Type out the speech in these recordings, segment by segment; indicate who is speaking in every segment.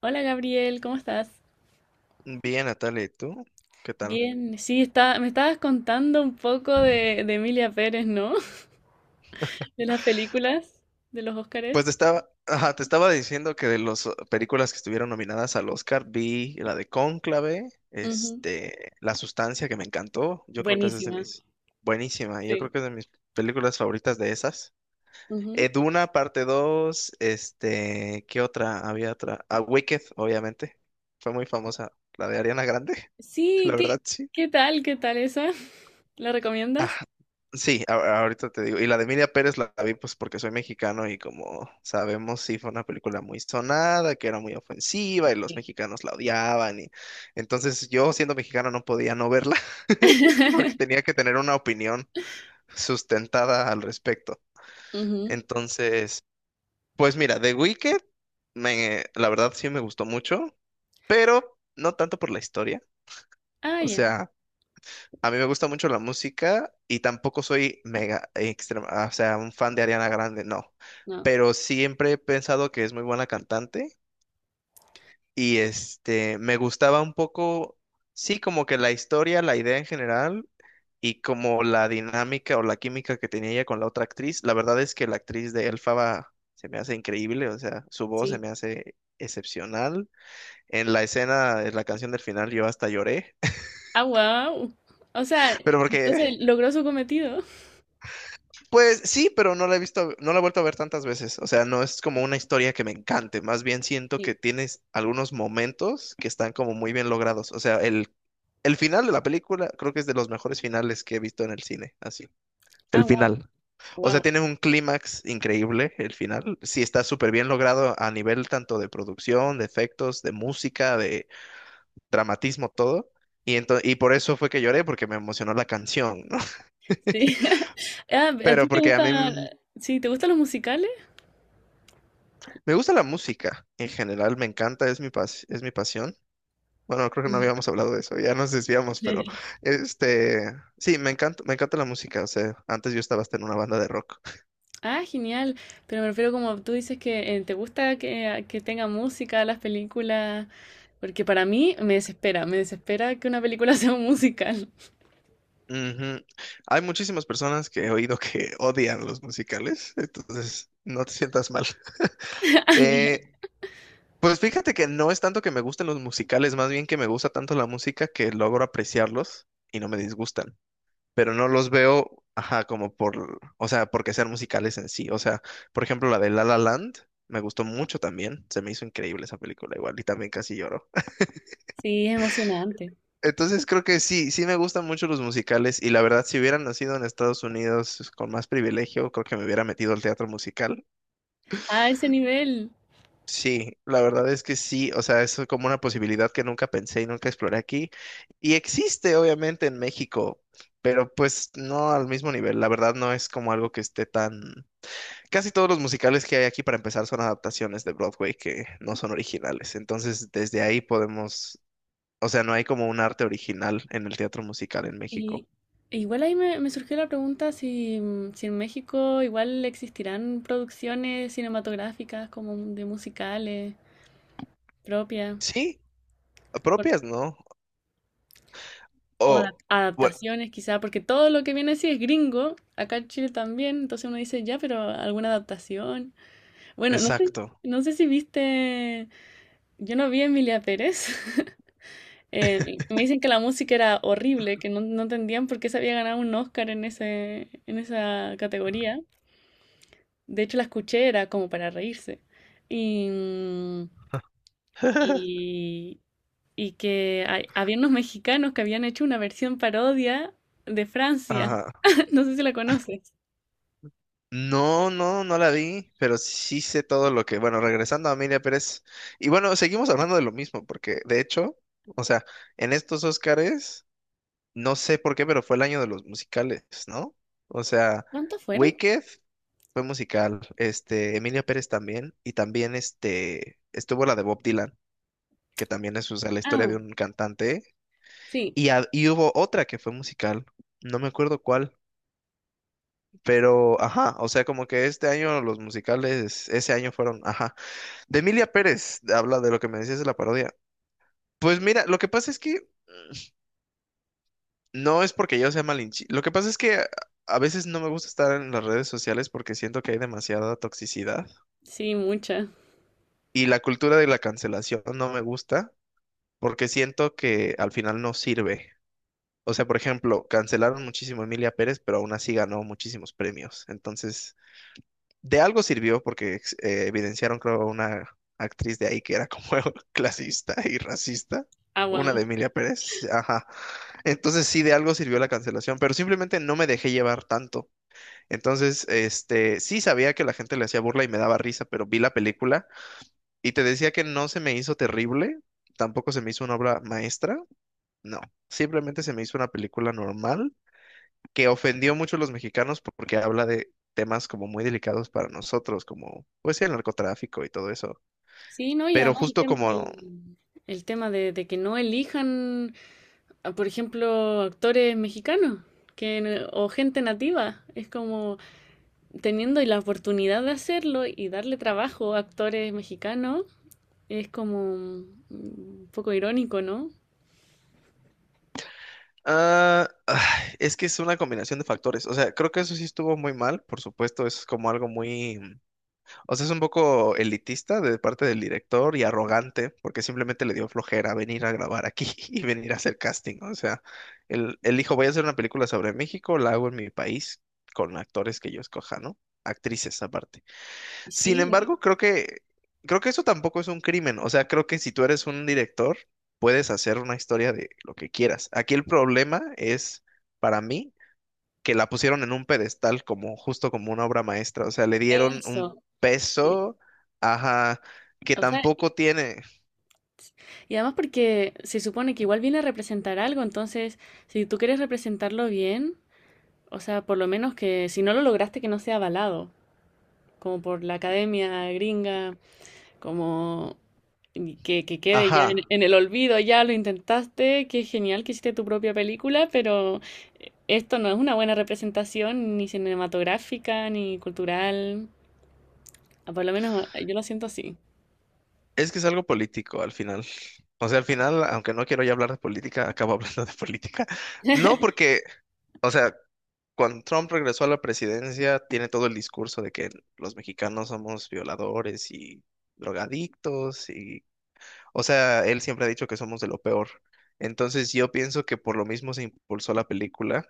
Speaker 1: Hola Gabriel, ¿cómo estás?
Speaker 2: Bien, Natalia, ¿y tú? ¿Qué tal?
Speaker 1: Bien, sí, me estabas contando un poco de Emilia Pérez, ¿no? De las películas, de los
Speaker 2: Pues
Speaker 1: Óscares.
Speaker 2: ajá, te estaba diciendo que de las películas que estuvieron nominadas al Oscar, vi la de Cónclave,
Speaker 1: Ujú,
Speaker 2: este, La Sustancia, que me encantó. Yo creo que esa es
Speaker 1: buenísima,
Speaker 2: buenísima, y yo creo
Speaker 1: sí.
Speaker 2: que es de mis películas favoritas de esas.
Speaker 1: Ujú.
Speaker 2: Duna, parte 2, este, ¿qué otra? Había otra. A Wicked, obviamente. Fue muy famosa. La de Ariana Grande,
Speaker 1: Sí,
Speaker 2: la
Speaker 1: ¿qué,
Speaker 2: verdad, sí.
Speaker 1: qué tal? ¿Qué tal esa? ¿La
Speaker 2: Ah,
Speaker 1: recomiendas?
Speaker 2: sí, ahorita te digo. Y la de Emilia Pérez la vi pues porque soy mexicano y, como sabemos, sí fue una película muy sonada, que era muy ofensiva y los
Speaker 1: Sí.
Speaker 2: mexicanos la odiaban, y entonces yo, siendo mexicano, no podía no verla porque tenía que tener una opinión sustentada al respecto.
Speaker 1: Ujú.
Speaker 2: Entonces, pues mira, The Wicked me, la verdad, sí me gustó mucho, pero no tanto por la historia.
Speaker 1: Ah,
Speaker 2: O
Speaker 1: ya,
Speaker 2: sea, a mí me gusta mucho la música y tampoco soy mega extrema, o sea, un fan de Ariana Grande, no.
Speaker 1: no,
Speaker 2: Pero siempre he pensado que es muy buena cantante y este me gustaba un poco, sí, como que la historia, la idea en general y como la dinámica o la química que tenía ella con la otra actriz. La verdad es que la actriz de Elfaba se me hace increíble, o sea, su voz se
Speaker 1: sí.
Speaker 2: me hace excepcional. En la escena, en la canción del final, yo hasta lloré.
Speaker 1: Ah, wow. O sea,
Speaker 2: Pero porque
Speaker 1: entonces logró su cometido.
Speaker 2: Pues sí, pero no la he visto, no la he vuelto a ver tantas veces. O sea, no es como una historia que me encante. Más bien siento que
Speaker 1: Sí.
Speaker 2: tienes algunos momentos que están como muy bien logrados. O sea, el final de la película creo que es de los mejores finales que he visto en el cine. Así.
Speaker 1: Ah,
Speaker 2: El
Speaker 1: wow,
Speaker 2: final. O sea,
Speaker 1: wow.
Speaker 2: tiene un clímax increíble el final. Sí, está súper bien logrado a nivel tanto de producción, de efectos, de música, de dramatismo, todo. Y por eso fue que lloré, porque me emocionó la canción, ¿no?
Speaker 1: Sí. Ah, ¿a
Speaker 2: Pero
Speaker 1: ti te
Speaker 2: porque a
Speaker 1: gusta,
Speaker 2: mí
Speaker 1: sí, te gustan los musicales?
Speaker 2: Me gusta la música en general, me encanta, es mi es mi pasión. Bueno, creo que no
Speaker 1: Ujú.
Speaker 2: habíamos hablado de eso, ya nos desviamos, pero este, sí, me encanta la música, o sea, antes yo estaba hasta en una banda de rock.
Speaker 1: Ah, genial. Pero me refiero como tú dices que te gusta que tenga música las películas, porque para mí me desespera que una película sea un musical.
Speaker 2: Ujú. Hay muchísimas personas que he oído que odian los musicales, entonces no te sientas mal.
Speaker 1: Ah,
Speaker 2: Eh,
Speaker 1: ya.
Speaker 2: pues fíjate que no es tanto que me gusten los musicales, más bien que me gusta tanto la música que logro apreciarlos y no me disgustan. Pero no los veo, ajá, como por, o sea, porque sean musicales en sí. O sea, por ejemplo, la de La La Land me gustó mucho también. Se me hizo increíble esa película igual y también casi lloro.
Speaker 1: Sí, es emocionante.
Speaker 2: Entonces creo que sí, sí me gustan mucho los musicales, y la verdad, si hubiera nacido en Estados Unidos con más privilegio, creo que me hubiera metido al teatro musical.
Speaker 1: A ese nivel.
Speaker 2: Sí, la verdad es que sí, o sea, es como una posibilidad que nunca pensé y nunca exploré aquí. Y existe obviamente en México, pero pues no al mismo nivel. La verdad no es como algo que esté tan, casi todos los musicales que hay aquí para empezar son adaptaciones de Broadway que no son originales. Entonces, desde ahí podemos, o sea, no hay como un arte original en el teatro musical en
Speaker 1: Y
Speaker 2: México.
Speaker 1: e igual ahí me surgió la pregunta si en México igual existirán producciones cinematográficas como de musicales propias.
Speaker 2: Sí, propias, ¿no?
Speaker 1: O
Speaker 2: O, bueno,
Speaker 1: adaptaciones, quizá, porque todo lo que viene así es gringo, acá en Chile también. Entonces uno dice, ya, pero alguna adaptación. Bueno, no sé,
Speaker 2: exacto.
Speaker 1: no sé si viste, yo no vi a Emilia Pérez. Me dicen que la música era horrible, que no, no entendían por qué se había ganado un Oscar en ese, en esa categoría. De hecho, la escuché, era como para reírse. Y, y y que había unos mexicanos que habían hecho una versión parodia de Francia.
Speaker 2: Ajá.
Speaker 1: No sé si la conoces.
Speaker 2: No, no, no la vi, pero sí sé todo lo que, bueno, regresando a Amelia Pérez, y bueno, seguimos hablando de lo mismo, porque de hecho, o sea, en estos Óscares no sé por qué, pero fue el año de los musicales, ¿no? O sea,
Speaker 1: ¿Cuántos fueron?
Speaker 2: Wicked fue musical, este, Emilia Pérez también, y también este, estuvo la de Bob Dylan, que también es, o sea, la historia
Speaker 1: Ah,
Speaker 2: de un cantante,
Speaker 1: sí,
Speaker 2: y, a- y hubo otra que fue musical, no me acuerdo cuál, pero, ajá, o sea, como que este año los musicales, ese año fueron, ajá, de Emilia Pérez, habla de lo que me decías de la parodia. Pues mira, lo que pasa es que... No es porque yo sea malinchista. Lo que pasa es que a veces no me gusta estar en las redes sociales porque siento que hay demasiada toxicidad
Speaker 1: sí, muchas.
Speaker 2: y la cultura de la cancelación no me gusta porque siento que al final no sirve. O sea, por ejemplo, cancelaron muchísimo a Emilia Pérez, pero aún así ganó muchísimos premios. Entonces, de algo sirvió porque evidenciaron, creo, a una actriz de ahí que era como clasista y racista.
Speaker 1: Ah,
Speaker 2: Una
Speaker 1: wow.
Speaker 2: de Emilia Pérez, ajá. Entonces sí, de algo sirvió la cancelación, pero simplemente no me dejé llevar tanto. Entonces, este, sí sabía que la gente le hacía burla y me daba risa, pero vi la película y te decía que no se me hizo terrible, tampoco se me hizo una obra maestra, no, simplemente se me hizo una película normal que ofendió mucho a los mexicanos porque habla de temas como muy delicados para nosotros, como pues sí, el narcotráfico y todo eso.
Speaker 1: Sí, no, y
Speaker 2: Pero
Speaker 1: además el
Speaker 2: justo
Speaker 1: tema
Speaker 2: como
Speaker 1: del, el tema de que no elijan, ah, por ejemplo, actores mexicanos que, o gente nativa. Es como teniendo la oportunidad de hacerlo y darle trabajo a actores mexicanos, es como un poco irónico, ¿no?
Speaker 2: ah, ay, es que es una combinación de factores. O sea, creo que eso sí estuvo muy mal, por supuesto, eso es como algo muy. O sea, es un poco elitista de parte del director y arrogante, porque simplemente le dio flojera venir a grabar aquí y venir a hacer casting. O sea, él dijo, voy a hacer una película sobre México, la hago en mi país con actores que yo escoja, ¿no? Actrices aparte. Sin
Speaker 1: Sí,
Speaker 2: embargo, creo que eso tampoco es un crimen. O sea, creo que si tú eres un director, puedes hacer una historia de lo que quieras. Aquí el problema es, para mí, que la pusieron en un pedestal como justo como una obra maestra, o sea, le dieron un
Speaker 1: eso. Sí.
Speaker 2: peso, ajá, que
Speaker 1: O sea, y
Speaker 2: tampoco tiene,
Speaker 1: y además porque se supone que igual viene a representar algo, entonces, si tú quieres representarlo bien, o sea, por lo menos que si no lo lograste que no sea avalado, como por la academia gringa, como y que quede ya
Speaker 2: ajá.
Speaker 1: en el olvido, ya lo intentaste, qué genial que hiciste tu propia película, pero esto no es una buena representación ni cinematográfica ni cultural. Ah, por lo menos ah, yo lo siento así.
Speaker 2: Es que es algo político al final. O sea, al final, aunque no quiero ya hablar de política, acabo hablando de política. No porque, o sea, cuando Trump regresó a la presidencia, tiene todo el discurso de que los mexicanos somos violadores y drogadictos y, o sea, él siempre ha dicho que somos de lo peor. Entonces yo pienso que por lo mismo se impulsó la película,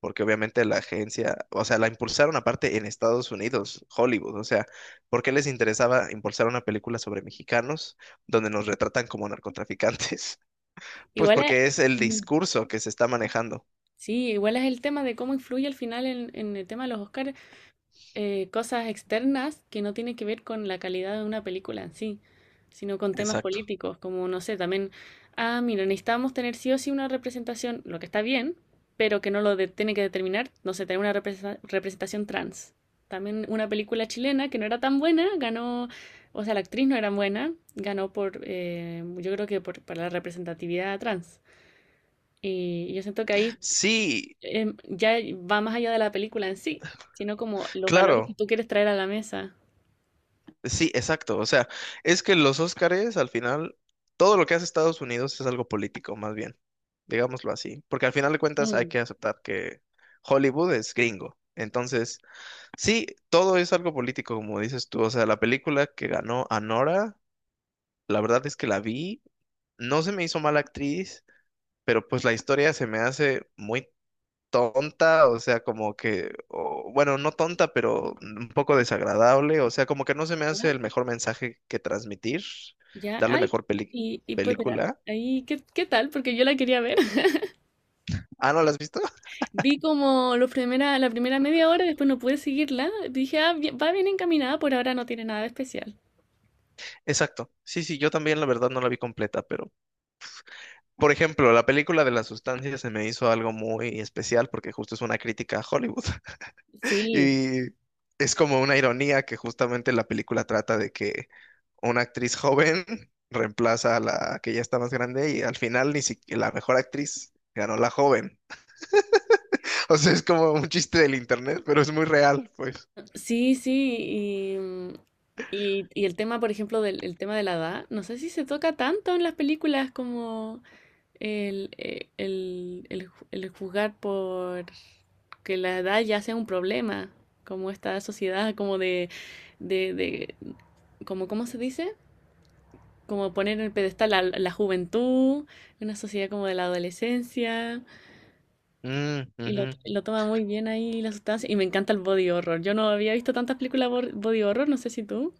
Speaker 2: porque obviamente la agencia, o sea, la impulsaron aparte en Estados Unidos, Hollywood, o sea, ¿por qué les interesaba impulsar una película sobre mexicanos donde nos retratan como narcotraficantes? Pues
Speaker 1: Igual,
Speaker 2: porque es el discurso que se está manejando.
Speaker 1: sí, igual es el tema de cómo influye al final en el tema de los Oscars, cosas externas que no tienen que ver con la calidad de una película en sí, sino con temas
Speaker 2: Exacto.
Speaker 1: políticos, como no sé, también, ah, mira, necesitamos tener sí o sí una representación, lo que está bien, pero que no lo tiene que determinar, no sé, tener una representación trans. También una película chilena que no era tan buena, ganó, o sea, la actriz no era buena, ganó por, yo creo que para la representatividad trans. Y yo siento que ahí
Speaker 2: Sí,
Speaker 1: ya va más allá de la película en sí, sino como los valores que
Speaker 2: claro.
Speaker 1: tú quieres traer a la mesa.
Speaker 2: Sí, exacto. O sea, es que los Óscares, al final, todo lo que hace Estados Unidos es algo político, más bien. Digámoslo así. Porque al final de cuentas hay
Speaker 1: Mm,
Speaker 2: que aceptar que Hollywood es gringo. Entonces, sí, todo es algo político, como dices tú. O sea, la película que ganó Anora, la verdad es que la vi, no se me hizo mala actriz, pero pues la historia se me hace muy tonta, o sea, como que, o bueno, no tonta, pero un poco desagradable, o sea, como que no se me
Speaker 1: ¿ya?
Speaker 2: hace el mejor mensaje que transmitir,
Speaker 1: Ya,
Speaker 2: darle
Speaker 1: ay,
Speaker 2: mejor
Speaker 1: y pues mira,
Speaker 2: película.
Speaker 1: ahí, ¿qué tal? Porque yo la quería ver.
Speaker 2: Ah, ¿no la has visto?
Speaker 1: Vi como la primera media hora, después no pude seguirla. Dije, ah, va bien encaminada, por ahora no tiene nada de especial.
Speaker 2: Exacto. Sí, sí, yo también, la verdad, no la vi completa, pero por ejemplo, la película de las sustancias se me hizo algo muy especial porque justo es una crítica a Hollywood.
Speaker 1: Sí,
Speaker 2: Y es como una ironía que justamente la película trata de que una actriz joven reemplaza a la que ya está más grande, y al final ni siquiera la mejor actriz ganó, la joven. O sea, es como un chiste del internet, pero es muy real, pues.
Speaker 1: sí, sí, y, mm, y el tema, por ejemplo, del el tema de la edad, no sé si se toca tanto en las películas como... El juzgar por que la edad ya sea un problema, como esta sociedad como de, de- como, ¿cómo se dice? Como poner en el pedestal a la juventud, una sociedad como de la adolescencia,
Speaker 2: Mm,
Speaker 1: y
Speaker 2: ujú.
Speaker 1: lo toma muy bien ahí la sustancia, y me encanta el body horror. Yo no había visto tantas películas body horror, no sé si tú.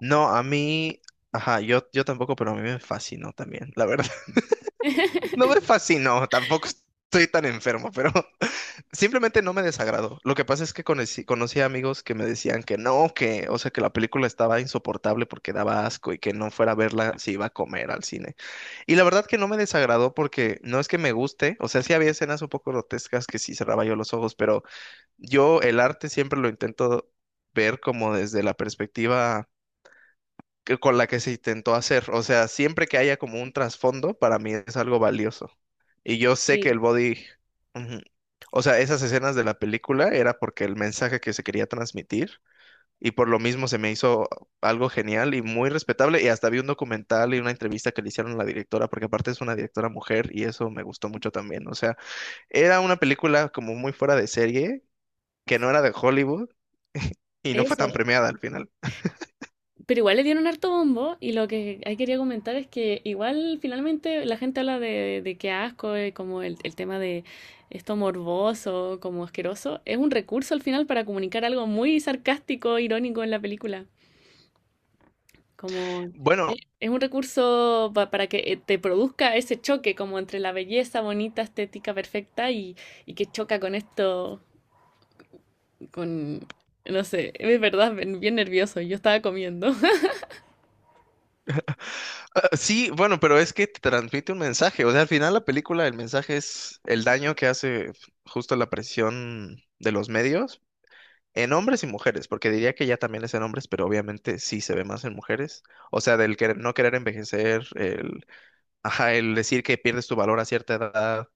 Speaker 2: No, a mí, ajá, yo tampoco, pero a mí me fascinó también, la verdad. No me fascinó, tampoco estoy tan enfermo, pero simplemente no me desagradó. Lo que pasa es que conocí amigos que me decían que no, que, o sea, que la película estaba insoportable porque daba asco y que no fuera a verla si iba a comer al cine. Y la verdad que no me desagradó porque no es que me guste, o sea, sí había escenas un poco grotescas que sí cerraba yo los ojos, pero yo el arte siempre lo intento ver como desde la perspectiva con la que se intentó hacer. O sea, siempre que haya como un trasfondo, para mí es algo valioso. Y yo sé que
Speaker 1: Sí,
Speaker 2: el body, ujú. O sea, esas escenas de la película era porque el mensaje que se quería transmitir, y por lo mismo se me hizo algo genial y muy respetable, y hasta vi un documental y una entrevista que le hicieron a la directora, porque aparte es una directora mujer y eso me gustó mucho también. O sea, era una película como muy fuera de serie que no era de Hollywood y no fue tan
Speaker 1: eso.
Speaker 2: premiada al final.
Speaker 1: Pero igual le dieron harto bombo y lo que ahí quería comentar es que igual finalmente la gente habla de que asco, como el tema de esto morboso, como asqueroso, es un recurso al final para comunicar algo muy sarcástico, irónico en la película. Como
Speaker 2: Bueno,
Speaker 1: es un recurso para que te produzca ese choque como entre la belleza bonita, estética, perfecta y que choca con esto, con, no sé, es verdad, bien bien nervioso, yo estaba comiendo.
Speaker 2: ah, sí, bueno, pero es que te transmite un mensaje. O sea, al final la película, el mensaje es el daño que hace justo la presión de los medios en hombres y mujeres, porque diría que ya también es en hombres, pero obviamente sí se ve más en mujeres. O sea, del que no querer envejecer, el, ajá, el decir que pierdes tu valor a cierta edad,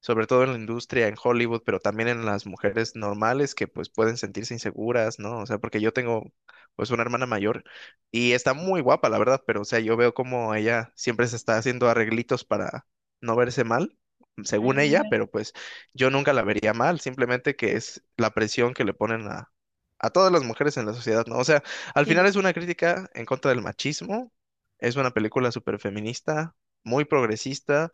Speaker 2: sobre todo en la industria, en Hollywood, pero también en las mujeres normales que pues pueden sentirse inseguras, ¿no? O sea, porque yo tengo pues una hermana mayor y está muy guapa, la verdad, pero o sea, yo veo como ella siempre se está haciendo arreglitos para no verse mal,
Speaker 1: Ah,
Speaker 2: según ella,
Speaker 1: mira,
Speaker 2: pero pues yo nunca la vería mal, simplemente que es la presión que le ponen a todas las mujeres en la sociedad, ¿no? O sea, al final
Speaker 1: sí,
Speaker 2: es una crítica en contra del machismo, es una película súper feminista, muy progresista,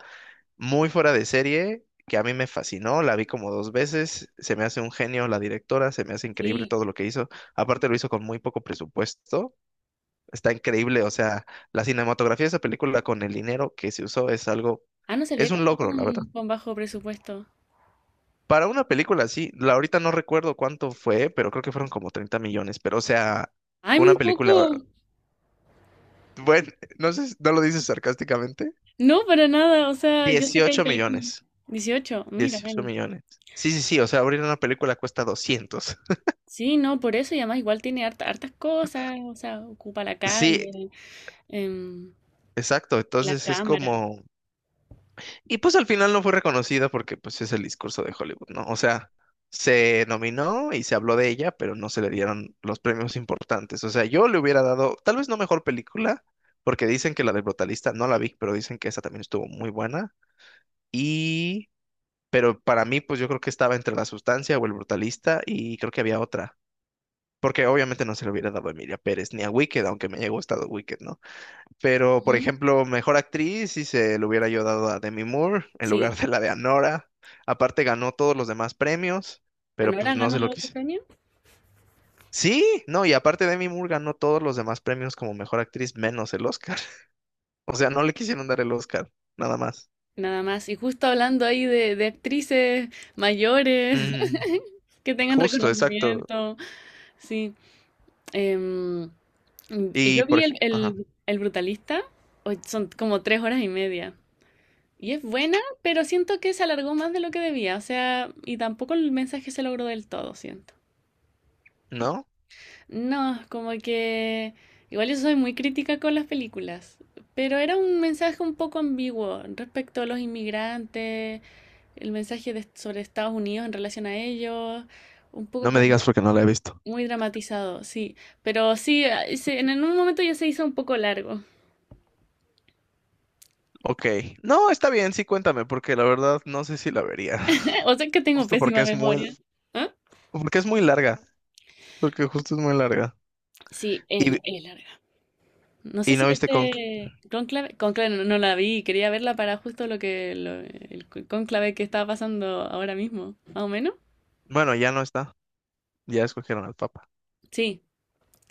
Speaker 2: muy fuera de serie, que a mí me fascinó, la vi como dos veces, se me hace un genio la directora, se me hace increíble
Speaker 1: sí.
Speaker 2: todo lo que hizo, aparte lo hizo con muy poco presupuesto, está increíble, o sea, la cinematografía de esa película con el dinero que se usó es algo,
Speaker 1: Ah, no sabía
Speaker 2: es
Speaker 1: que
Speaker 2: un
Speaker 1: era con,
Speaker 2: logro, la verdad.
Speaker 1: con bajo presupuesto.
Speaker 2: Para una película así, la ahorita no recuerdo cuánto fue, pero creo que fueron como 30 millones, pero o sea,
Speaker 1: Ay, muy
Speaker 2: una película,
Speaker 1: poco.
Speaker 2: bueno, no sé, no lo dices sarcásticamente.
Speaker 1: No, para nada. O sea, yo sé que hay
Speaker 2: dieciocho
Speaker 1: películas.
Speaker 2: millones.
Speaker 1: 18. Mira,
Speaker 2: dieciocho
Speaker 1: bueno.
Speaker 2: millones. Sí, sí, sí, o sea, abrir una película cuesta 200.
Speaker 1: Sí, no, por eso y además igual tiene hartas cosas. O sea, ocupa la
Speaker 2: Sí,
Speaker 1: calle, em,
Speaker 2: exacto.
Speaker 1: la
Speaker 2: Entonces es
Speaker 1: cámara.
Speaker 2: como... Y pues al final no fue reconocida porque pues es el discurso de Hollywood, ¿no? O sea, se nominó y se habló de ella, pero no se le dieron los premios importantes. O sea, yo le hubiera dado, tal vez no mejor película, porque dicen que la del Brutalista no la vi, pero dicen que esa también estuvo muy buena. Y... Pero para mí, pues yo creo que estaba entre La Sustancia o El Brutalista y creo que había otra. Porque obviamente no se le hubiera dado a Emilia Pérez ni a Wicked, aunque me haya gustado Wicked, ¿no? Pero, por
Speaker 1: Ujú.
Speaker 2: ejemplo, mejor actriz, si se lo hubiera yo dado a Demi Moore en lugar
Speaker 1: Sí.
Speaker 2: de la de Anora. Aparte ganó todos los demás premios, pero pues
Speaker 1: Anora
Speaker 2: no
Speaker 1: ganó
Speaker 2: se lo
Speaker 1: la otro
Speaker 2: quise.
Speaker 1: premio.
Speaker 2: Sí, no, y aparte Demi Moore ganó todos los demás premios como mejor actriz menos el Oscar. O sea, no le quisieron dar el Oscar, nada más.
Speaker 1: Nada más. Y justo hablando ahí de actrices mayores
Speaker 2: Mm,
Speaker 1: que tengan
Speaker 2: justo, exacto.
Speaker 1: reconocimiento. Sí. em,
Speaker 2: Y
Speaker 1: Yo
Speaker 2: por
Speaker 1: vi el,
Speaker 2: ejemplo, ajá,
Speaker 1: el- el Brutalista, o son como 3 horas y media. Y es buena, pero siento que se alargó más de lo que debía, o sea, y tampoco el mensaje se logró del todo, siento.
Speaker 2: ¿no?
Speaker 1: No, como que... Igual yo soy muy crítica con las películas, pero era un mensaje un poco ambiguo respecto a los inmigrantes, el mensaje sobre Estados Unidos en relación a ellos, un poco
Speaker 2: No me digas
Speaker 1: como
Speaker 2: porque no la he visto.
Speaker 1: muy dramatizado, sí. Pero sí, en un momento ya se hizo un poco largo.
Speaker 2: Ok, no, está bien, sí, cuéntame, porque la verdad no sé si la vería.
Speaker 1: O sea que tengo
Speaker 2: Justo
Speaker 1: pésima memoria. ¿Ah?
Speaker 2: porque es muy larga, porque justo es muy larga.
Speaker 1: Sí,
Speaker 2: Y,
Speaker 1: es larga. No sé
Speaker 2: y
Speaker 1: si
Speaker 2: no viste con...
Speaker 1: este Conclave no, no la vi, quería verla para justo lo que el conclave que estaba pasando ahora mismo, más o menos.
Speaker 2: Bueno, ya no está. Ya escogieron al Papa.
Speaker 1: Sí,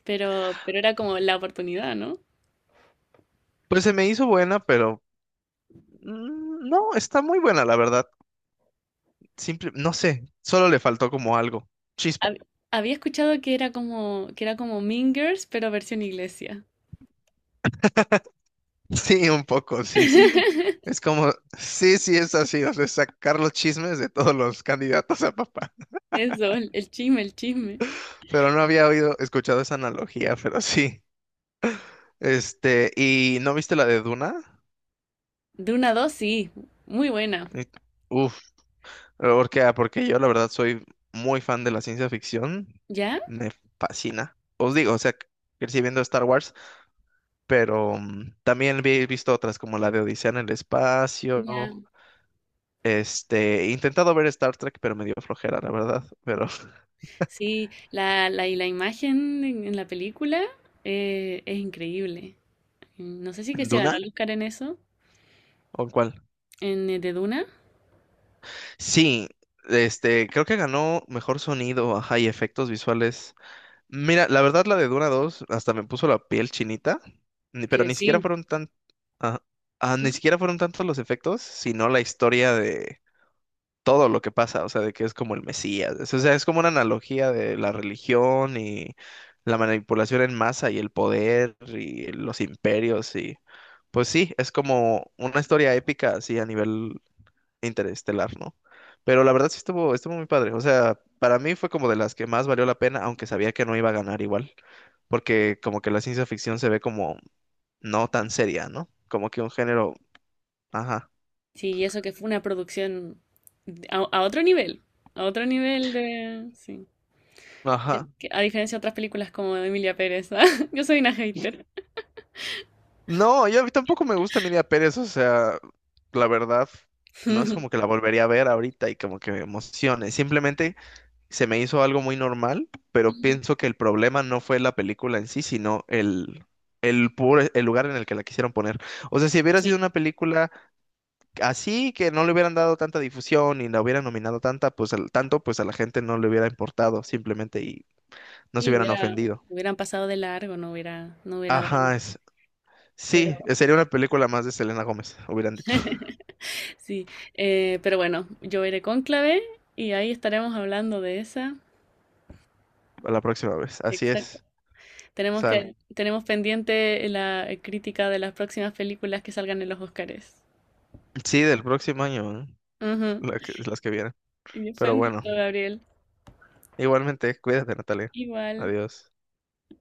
Speaker 1: pero era como la oportunidad, ¿no?
Speaker 2: Pues se me hizo buena, pero... Mm, no, está muy buena, la verdad. Simple, no sé, solo le faltó como algo. Chispa.
Speaker 1: Hab- Había escuchado que era como Mean Girls, pero versión iglesia.
Speaker 2: Sí, un poco, sí, sí. Es como, sí, sí, es así, o sea, sacar los chismes de todos los candidatos a papá.
Speaker 1: Eso, el chisme, el chisme.
Speaker 2: Pero no había oído, escuchado esa analogía, pero sí. Este, ¿y no viste la de Duna?
Speaker 1: De una dos, sí, muy buena.
Speaker 2: Y- Uf, Porque yo la verdad soy muy fan de la ciencia ficción.
Speaker 1: ¿Ya?
Speaker 2: Me fascina. Os digo, o sea, crecí viendo Star Wars, pero también he visto otras como la de Odisea en el espacio.
Speaker 1: Ya.
Speaker 2: Este, he intentado ver Star Trek, pero me dio flojera, la verdad. Pero,
Speaker 1: Sí, y la imagen en la película es increíble. Mm, no sé si que se ganó
Speaker 2: ¿Duna?
Speaker 1: el Oscar en eso,
Speaker 2: ¿O cuál?
Speaker 1: en de Duna.
Speaker 2: Sí, este, creo que ganó mejor sonido, ajá, y efectos visuales. Mira, la verdad la de Duna dos hasta me puso la piel chinita, pero
Speaker 1: Que
Speaker 2: ni
Speaker 1: sí.
Speaker 2: siquiera fueron tan, ah, ni siquiera fueron tantos los efectos, sino la historia de todo lo que pasa, o sea, de que es como el Mesías, o sea, es como una analogía de la religión y la manipulación en masa y el poder y los imperios y pues sí, es como una historia épica así a nivel Interestelar, ¿no? Pero la verdad sí estuvo muy padre. O sea, para mí fue como de las que más valió la pena, aunque sabía que no iba a ganar igual, porque como que la ciencia ficción se ve como no tan seria, ¿no? Como que un género, ajá,
Speaker 1: Sí, y eso que fue una producción a otro nivel, a otro nivel de... Sí. Que-
Speaker 2: ajá.
Speaker 1: que a diferencia de otras películas como de Emilia Pérez, ¿ah? Yo soy una hater.
Speaker 2: No, yo a mí tampoco me gusta Emilia Pérez, o sea, la verdad, no es como que la volvería a ver ahorita y como que me emocione. Simplemente se me hizo algo muy normal, pero pienso que el problema no fue la película en sí, sino el lugar en el que la quisieron poner. O sea, si hubiera sido
Speaker 1: Sí,
Speaker 2: una película así, que no le hubieran dado tanta difusión y la hubieran nominado tanta, pues al, tanto, pues a la gente no le hubiera importado simplemente y no se
Speaker 1: sí,
Speaker 2: hubieran
Speaker 1: hubiera-
Speaker 2: ofendido.
Speaker 1: hubieran pasado de largo, no hubiera, no hubiera drama.
Speaker 2: Ajá,
Speaker 1: Pero
Speaker 2: sí, sería una película más de Selena Gómez, hubieran dicho,
Speaker 1: sí, pero bueno, yo iré con clave y ahí estaremos hablando de esa.
Speaker 2: a la próxima vez. Así
Speaker 1: Exacto.
Speaker 2: es,
Speaker 1: Tenemos
Speaker 2: sale.
Speaker 1: que, tenemos pendiente la crítica de las próximas películas que salgan en los Oscars.
Speaker 2: Sí, del próximo año, ¿eh?
Speaker 1: Ujú.
Speaker 2: La que- las que vienen.
Speaker 1: Y fue
Speaker 2: Pero
Speaker 1: un gusto,
Speaker 2: bueno,
Speaker 1: Gabriel.
Speaker 2: igualmente, cuídate, Natalia.
Speaker 1: Igual.
Speaker 2: Adiós.